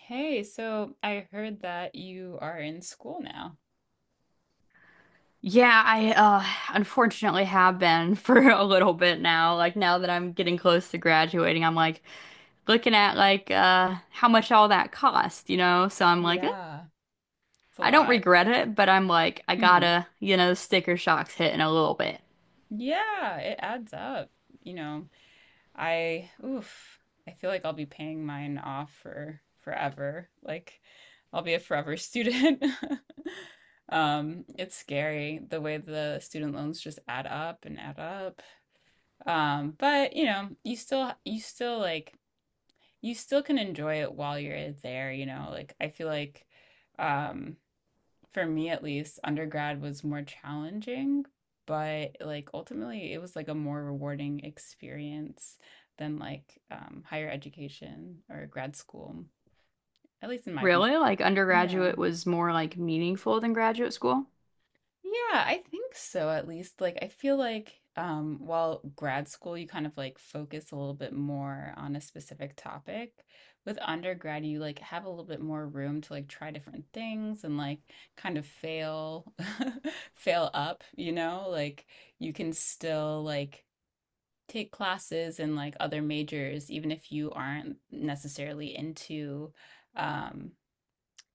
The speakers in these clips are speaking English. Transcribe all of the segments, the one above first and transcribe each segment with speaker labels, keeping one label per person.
Speaker 1: Hey, so I heard that you are in school now.
Speaker 2: Yeah, I unfortunately have been for a little bit now. Like now that I'm getting close to graduating, I'm like looking at like how much all that cost, you know? So I'm like, eh,
Speaker 1: Yeah, it's a
Speaker 2: I don't
Speaker 1: lot.
Speaker 2: regret it, but I
Speaker 1: Hmm.
Speaker 2: gotta, you know, sticker shock's hitting a little bit.
Speaker 1: Yeah, it adds up. You know, I oof, I feel like I'll be paying mine off for forever. Like I'll be a forever student. It's scary the way the student loans just add up and add up. But you still can enjoy it while you're there. Like I feel like um for me, at least, undergrad was more challenging, but like ultimately it was like a more rewarding experience than like higher education or grad school, at least in my opinion.
Speaker 2: Really? Like
Speaker 1: Yeah.
Speaker 2: undergraduate was more like meaningful than graduate school?
Speaker 1: Yeah, I think so, at least. Like I feel like while grad school you kind of like focus a little bit more on a specific topic, with undergrad you like have a little bit more room to like try different things and like kind of fail fail up, you know? Like you can still like take classes in like other majors even if you aren't necessarily um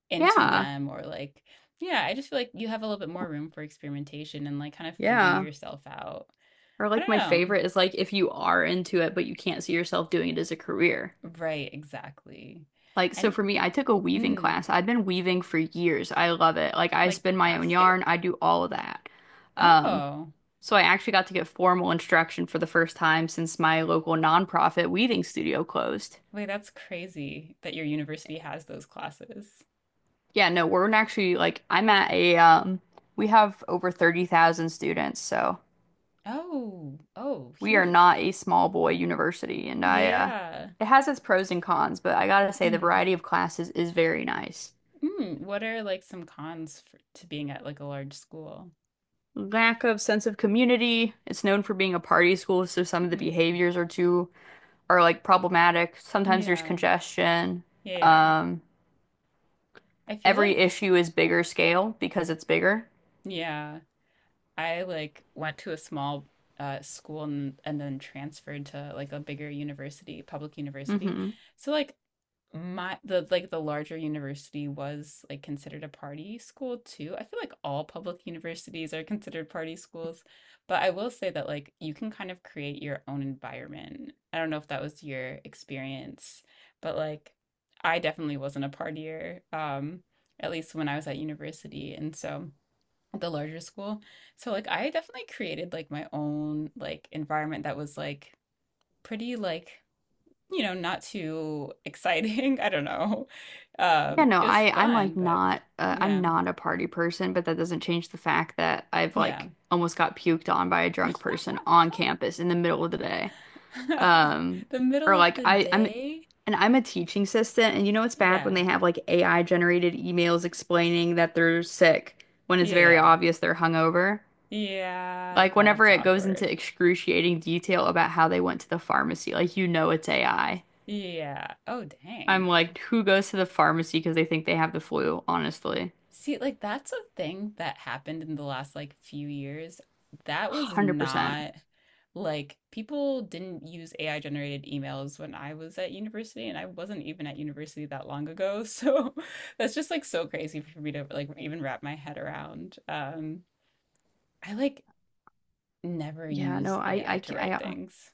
Speaker 1: into
Speaker 2: Yeah.
Speaker 1: them, or like, yeah, I just feel like you have a little bit more room for experimentation and like kind of figuring
Speaker 2: Yeah.
Speaker 1: yourself out.
Speaker 2: Or
Speaker 1: I
Speaker 2: like my
Speaker 1: don't
Speaker 2: favorite is like if you are into it but you can't see yourself doing it as a career.
Speaker 1: know, right, exactly.
Speaker 2: Like, so
Speaker 1: And,
Speaker 2: for me, I took a weaving
Speaker 1: mm,
Speaker 2: class. I have been weaving for years. I love it. Like, I
Speaker 1: like
Speaker 2: spin my own
Speaker 1: basket
Speaker 2: yarn, I do all of that. Um,
Speaker 1: oh,
Speaker 2: so I actually got to get formal instruction for the first time since my local nonprofit weaving studio closed.
Speaker 1: wait, that's crazy that your university has those classes.
Speaker 2: Yeah, no, we're actually like, I'm at a, we have over 30,000 students, so
Speaker 1: Oh, oh,
Speaker 2: we are
Speaker 1: huge.
Speaker 2: not a small boy university. And
Speaker 1: Yeah,
Speaker 2: I,
Speaker 1: yeah.
Speaker 2: it has its pros and cons, but I gotta say the
Speaker 1: Mm.
Speaker 2: variety of classes is very nice.
Speaker 1: Mm. What are, like, some cons to being at, like, a large school?
Speaker 2: Lack of sense of community. It's known for being a party school, so some of the
Speaker 1: Mm.
Speaker 2: behaviors are too are like problematic. Sometimes there's
Speaker 1: Yeah,
Speaker 2: congestion.
Speaker 1: yeah, yeah.
Speaker 2: Um,
Speaker 1: I feel
Speaker 2: every
Speaker 1: like,
Speaker 2: issue is bigger scale because it's bigger.
Speaker 1: yeah, I like went to a small, school, and then transferred to, like, a bigger university, public university.
Speaker 2: Hmm.
Speaker 1: So like my the like the larger university was like considered a party school too. I feel like all public universities are considered party schools, but I will say that like you can kind of create your own environment. I don't know if that was your experience, but like I definitely wasn't a partier, at least when I was at university. And so the larger school. So like I definitely created like my own like environment that was like pretty like, not too exciting. I don't know.
Speaker 2: Yeah, no,
Speaker 1: It was
Speaker 2: I I'm like
Speaker 1: fun, but
Speaker 2: not uh, I'm
Speaker 1: yeah,
Speaker 2: not a party person, but that doesn't change the fact that I've
Speaker 1: yeah.
Speaker 2: like almost got puked on by a drunk person on campus in the middle of the day. Um,
Speaker 1: The
Speaker 2: or
Speaker 1: middle of
Speaker 2: like
Speaker 1: the
Speaker 2: I, I'm
Speaker 1: day.
Speaker 2: and I'm a teaching assistant, and you know it's bad when
Speaker 1: Yeah.
Speaker 2: they have like AI generated emails explaining that they're sick when it's
Speaker 1: Yeah,
Speaker 2: very
Speaker 1: yeah.
Speaker 2: obvious they're hungover.
Speaker 1: Yeah,
Speaker 2: Like whenever
Speaker 1: that's
Speaker 2: it goes into
Speaker 1: awkward.
Speaker 2: excruciating detail about how they went to the pharmacy, like you know it's AI.
Speaker 1: Yeah. Oh,
Speaker 2: I'm
Speaker 1: dang.
Speaker 2: like, who goes to the pharmacy because they think they have the flu, honestly.
Speaker 1: See, like that's a thing that happened in the last like few years. That was
Speaker 2: 100%.
Speaker 1: not, like, people didn't use AI generated emails when I was at university, and I wasn't even at university that long ago. So that's just like so crazy for me to like even wrap my head around. I like never
Speaker 2: Yeah, no,
Speaker 1: used AI
Speaker 2: I
Speaker 1: to
Speaker 2: can't,
Speaker 1: write things.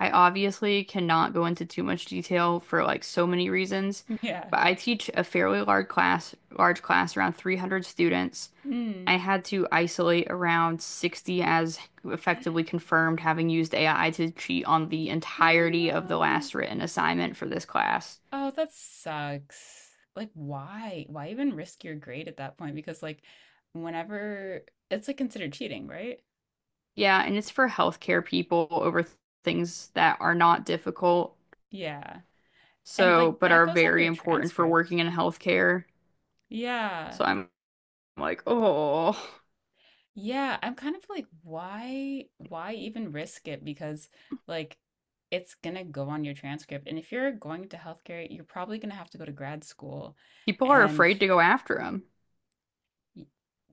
Speaker 2: I obviously cannot go into too much detail for like so many reasons,
Speaker 1: Yeah.
Speaker 2: but I teach a fairly large class around 300 students. I
Speaker 1: Mm.
Speaker 2: had to isolate around 60 as effectively confirmed having used AI to cheat on the
Speaker 1: Oh
Speaker 2: entirety of the
Speaker 1: no.
Speaker 2: last written assignment for this class.
Speaker 1: Oh, that sucks. Like, why? Why even risk your grade at that point? Because, like, whenever it's like considered cheating, right?
Speaker 2: Yeah, and it's for healthcare people things that are not difficult,
Speaker 1: Yeah. And like
Speaker 2: so but
Speaker 1: that
Speaker 2: are
Speaker 1: goes on
Speaker 2: very
Speaker 1: your
Speaker 2: important for
Speaker 1: transcript.
Speaker 2: working in healthcare.
Speaker 1: Yeah.
Speaker 2: So I'm like, oh.
Speaker 1: Yeah. I'm kind of like, why? Why even risk it? Because, like, it's gonna go on your transcript. And if you're going to healthcare, you're probably gonna have to go to grad school.
Speaker 2: People are
Speaker 1: And
Speaker 2: afraid to go after him.
Speaker 1: y-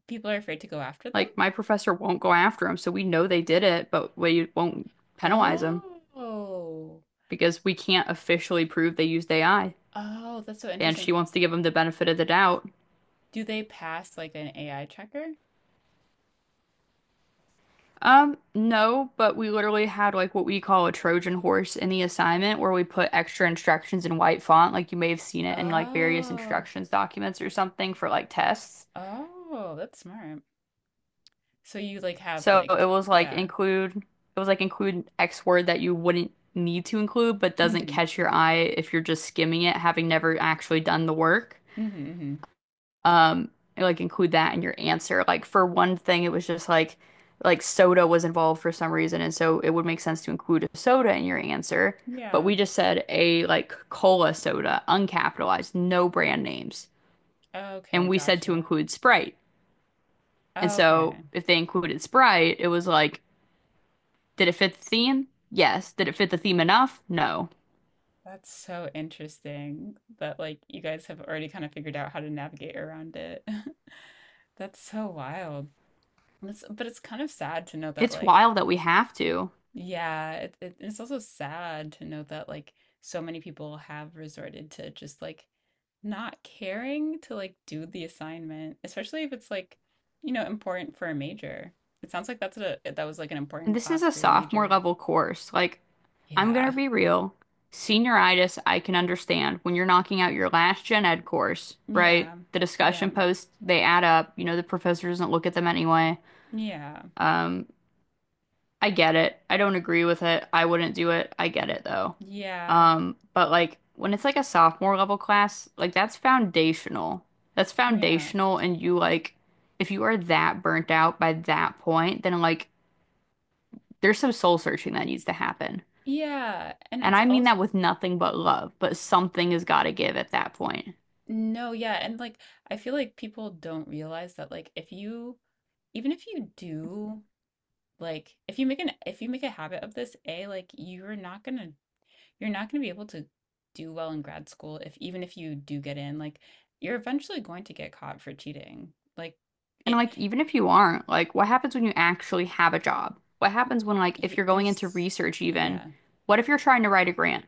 Speaker 1: people are afraid to go after them.
Speaker 2: Like my professor won't go after him, so we know they did it, but we won't penalize him
Speaker 1: Oh.
Speaker 2: because we can't officially prove they used AI.
Speaker 1: Oh, that's so
Speaker 2: And
Speaker 1: interesting.
Speaker 2: she wants to give them the benefit of the doubt.
Speaker 1: Do they pass like an AI checker?
Speaker 2: No, but we literally had like what we call a Trojan horse in the assignment where we put extra instructions in white font, like you may have seen it in like various
Speaker 1: Oh,
Speaker 2: instructions documents or something for like tests.
Speaker 1: oh, that's smart. So you like have
Speaker 2: So it
Speaker 1: like,
Speaker 2: was like
Speaker 1: yeah.
Speaker 2: include, it was like include X word that you wouldn't need to include, but doesn't
Speaker 1: Mm-hmm.
Speaker 2: catch your eye if you're just skimming it, having never actually done the work.
Speaker 1: Mm-hmm. Mm-hmm.
Speaker 2: Um, like include that in your answer. Like for one thing, it was just like soda was involved for some reason, and so it would make sense to include a soda in your answer. But
Speaker 1: Yeah.
Speaker 2: we just said a like cola soda, uncapitalized, no brand names,
Speaker 1: Okay,
Speaker 2: and we said to
Speaker 1: gotcha.
Speaker 2: include Sprite. And so
Speaker 1: Okay.
Speaker 2: if they included Sprite, it was like, did it fit the theme? Yes. Did it fit the theme enough? No.
Speaker 1: That's so interesting that like you guys have already kind of figured out how to navigate around it. That's so wild. But it's kind of sad to know that,
Speaker 2: It's
Speaker 1: like,
Speaker 2: wild that we have to.
Speaker 1: yeah, it's also sad to know that like so many people have resorted to just like not caring to like do the assignment, especially if it's like, important for a major. It sounds like that was like an
Speaker 2: And
Speaker 1: important
Speaker 2: this is
Speaker 1: class
Speaker 2: a
Speaker 1: for your
Speaker 2: sophomore
Speaker 1: major.
Speaker 2: level course. Like, I'm gonna
Speaker 1: Yeah.
Speaker 2: be real. Senioritis, I can understand when you're knocking out your last gen ed course, right?
Speaker 1: Yeah.
Speaker 2: The
Speaker 1: Yeah.
Speaker 2: discussion posts, they add up. You know, the professor doesn't look at them anyway.
Speaker 1: Yeah.
Speaker 2: Um, I get it. I don't agree with it. I wouldn't do it. I get it though.
Speaker 1: Yeah.
Speaker 2: But like when it's like a sophomore level class, like that's foundational. That's
Speaker 1: Yeah.
Speaker 2: foundational and you like if you are that burnt out by that point, then like there's some soul searching that needs to happen.
Speaker 1: Yeah. And
Speaker 2: And
Speaker 1: it's
Speaker 2: I mean
Speaker 1: also,
Speaker 2: that with nothing but love, but something has got to give at that point.
Speaker 1: no, yeah, and like I feel like people don't realize that, like, if you, even if you do. Like if you make a habit of this, A, like you're not gonna be able to do well in grad school if, even if you do get in, like you're eventually going to get caught for cheating. Like,
Speaker 2: And
Speaker 1: it,
Speaker 2: like even if you aren't, like what happens when you actually have a job? What happens when like if
Speaker 1: y
Speaker 2: you're going into
Speaker 1: there's,
Speaker 2: research even?
Speaker 1: yeah.
Speaker 2: What if you're trying to write a grant?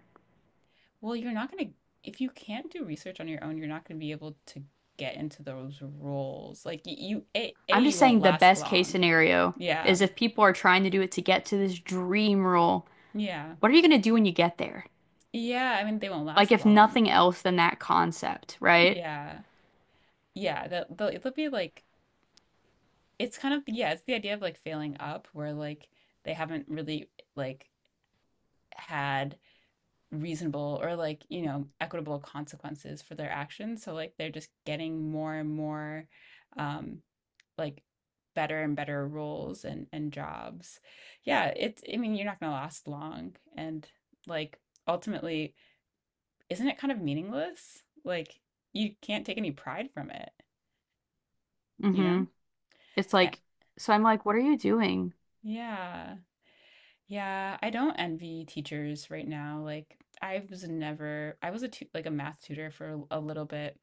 Speaker 1: Well, you're not gonna, if you can't do research on your own, you're not gonna be able to get into those roles. Like you, A
Speaker 2: I'm just
Speaker 1: you won't
Speaker 2: saying the
Speaker 1: last
Speaker 2: best case
Speaker 1: long.
Speaker 2: scenario
Speaker 1: Yeah.
Speaker 2: is if people are trying to do it to get to this dream role,
Speaker 1: Yeah.
Speaker 2: what are you going to do when you get there?
Speaker 1: Yeah, I mean they won't
Speaker 2: Like,
Speaker 1: last
Speaker 2: if
Speaker 1: long.
Speaker 2: nothing else than that concept, right?
Speaker 1: Yeah. Yeah, they'll it'll be like, it's kind of, yeah, it's the idea of like failing up where like they haven't really like had reasonable or like, equitable consequences for their actions. So like they're just getting more and more um like better and better roles and jobs. Yeah, it's I mean, you're not gonna last long and like ultimately, isn't it kind of meaningless? Like you can't take any pride from it, you know?
Speaker 2: Mm-hmm. It's
Speaker 1: Eh,
Speaker 2: like, so I'm like, what are you doing?
Speaker 1: yeah. Yeah, I don't envy teachers right now. Like I was never, I was a tu like a math tutor for a little bit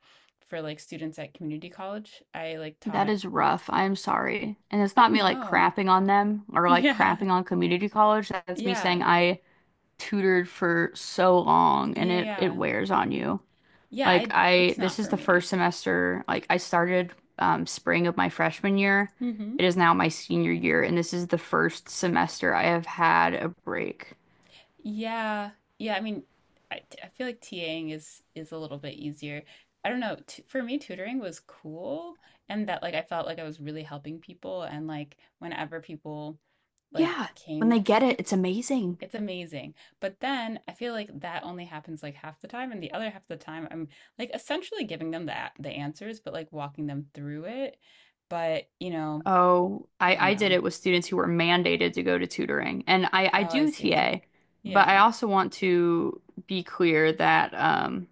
Speaker 1: for like students at community college. I like
Speaker 2: That
Speaker 1: taught.
Speaker 2: is rough. I'm sorry. And it's
Speaker 1: Oh
Speaker 2: not me like
Speaker 1: no.
Speaker 2: crapping on them or like
Speaker 1: Yeah.
Speaker 2: crapping on community college. That's me saying
Speaker 1: Yeah.
Speaker 2: I tutored for so long and
Speaker 1: Yeah,
Speaker 2: it
Speaker 1: yeah.
Speaker 2: wears on you.
Speaker 1: Yeah,
Speaker 2: Like
Speaker 1: I
Speaker 2: I,
Speaker 1: it's not
Speaker 2: this is
Speaker 1: for
Speaker 2: the
Speaker 1: me.
Speaker 2: first semester. Like I started spring of my freshman year.
Speaker 1: Hmm.
Speaker 2: It is now my senior year, and this is the first semester I have had a break.
Speaker 1: Yeah. Yeah, I mean, I feel like TAing is a little bit easier. I don't know. T For me, tutoring was cool, and that like I felt like I was really helping people, and like whenever people like
Speaker 2: Yeah, when they
Speaker 1: came to
Speaker 2: get
Speaker 1: me.
Speaker 2: it, it's amazing.
Speaker 1: It's amazing. But then I feel like that only happens like half the time, and the other half of the time I'm like essentially giving them the answers, but like walking them through it. But,
Speaker 2: Oh,
Speaker 1: I
Speaker 2: I,
Speaker 1: don't
Speaker 2: I did
Speaker 1: know.
Speaker 2: it with students who were mandated to go to tutoring, and I
Speaker 1: Oh, I
Speaker 2: do
Speaker 1: see.
Speaker 2: TA, but I
Speaker 1: Yeah.
Speaker 2: also want to be clear that um,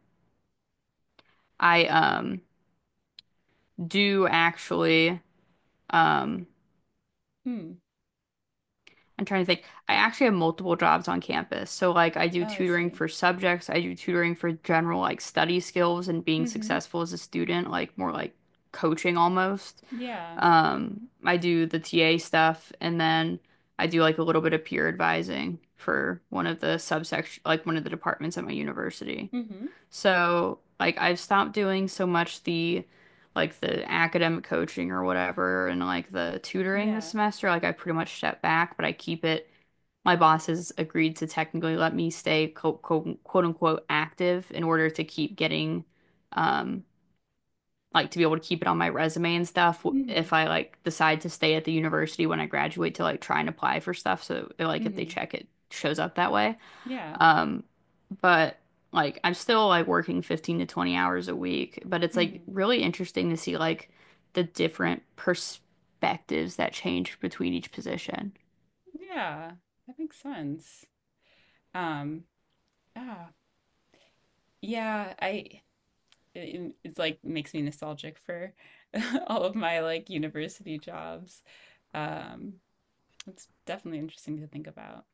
Speaker 2: I um, do actually. Um,
Speaker 1: Hmm.
Speaker 2: I'm trying to think. I actually have multiple jobs on campus. So like I do
Speaker 1: Oh, I
Speaker 2: tutoring
Speaker 1: see.
Speaker 2: for subjects, I do tutoring for general like study skills and being
Speaker 1: Mm-hmm.
Speaker 2: successful as a student, like more like coaching almost.
Speaker 1: Yeah.
Speaker 2: I do the TA stuff and then I do like a little bit of peer advising for one of the subsection like one of the departments at my university.
Speaker 1: Mm-hmm.
Speaker 2: So, like, I've stopped doing so much the like the academic coaching or whatever and like the tutoring this
Speaker 1: Yeah.
Speaker 2: semester. Like, I pretty much stepped back, but I keep it. My boss has agreed to technically let me stay quote, quote, quote unquote active in order to keep getting, um, like to be able to keep it on my resume and stuff if
Speaker 1: Mm-hmm.
Speaker 2: I like decide to stay at the university when I graduate to like try and apply for stuff. So, it, like, if they
Speaker 1: Mm-hmm.
Speaker 2: check it shows up that way.
Speaker 1: Yeah.
Speaker 2: Um, but like I'm still like working 15 to 20 hours a week, but it's like
Speaker 1: Mm-hmm.
Speaker 2: really interesting to see like the different perspectives that change between each position.
Speaker 1: Yeah. That makes sense. Um, ah, yeah, it's like makes me nostalgic for all of my like university jobs. Um, it's definitely interesting to think about.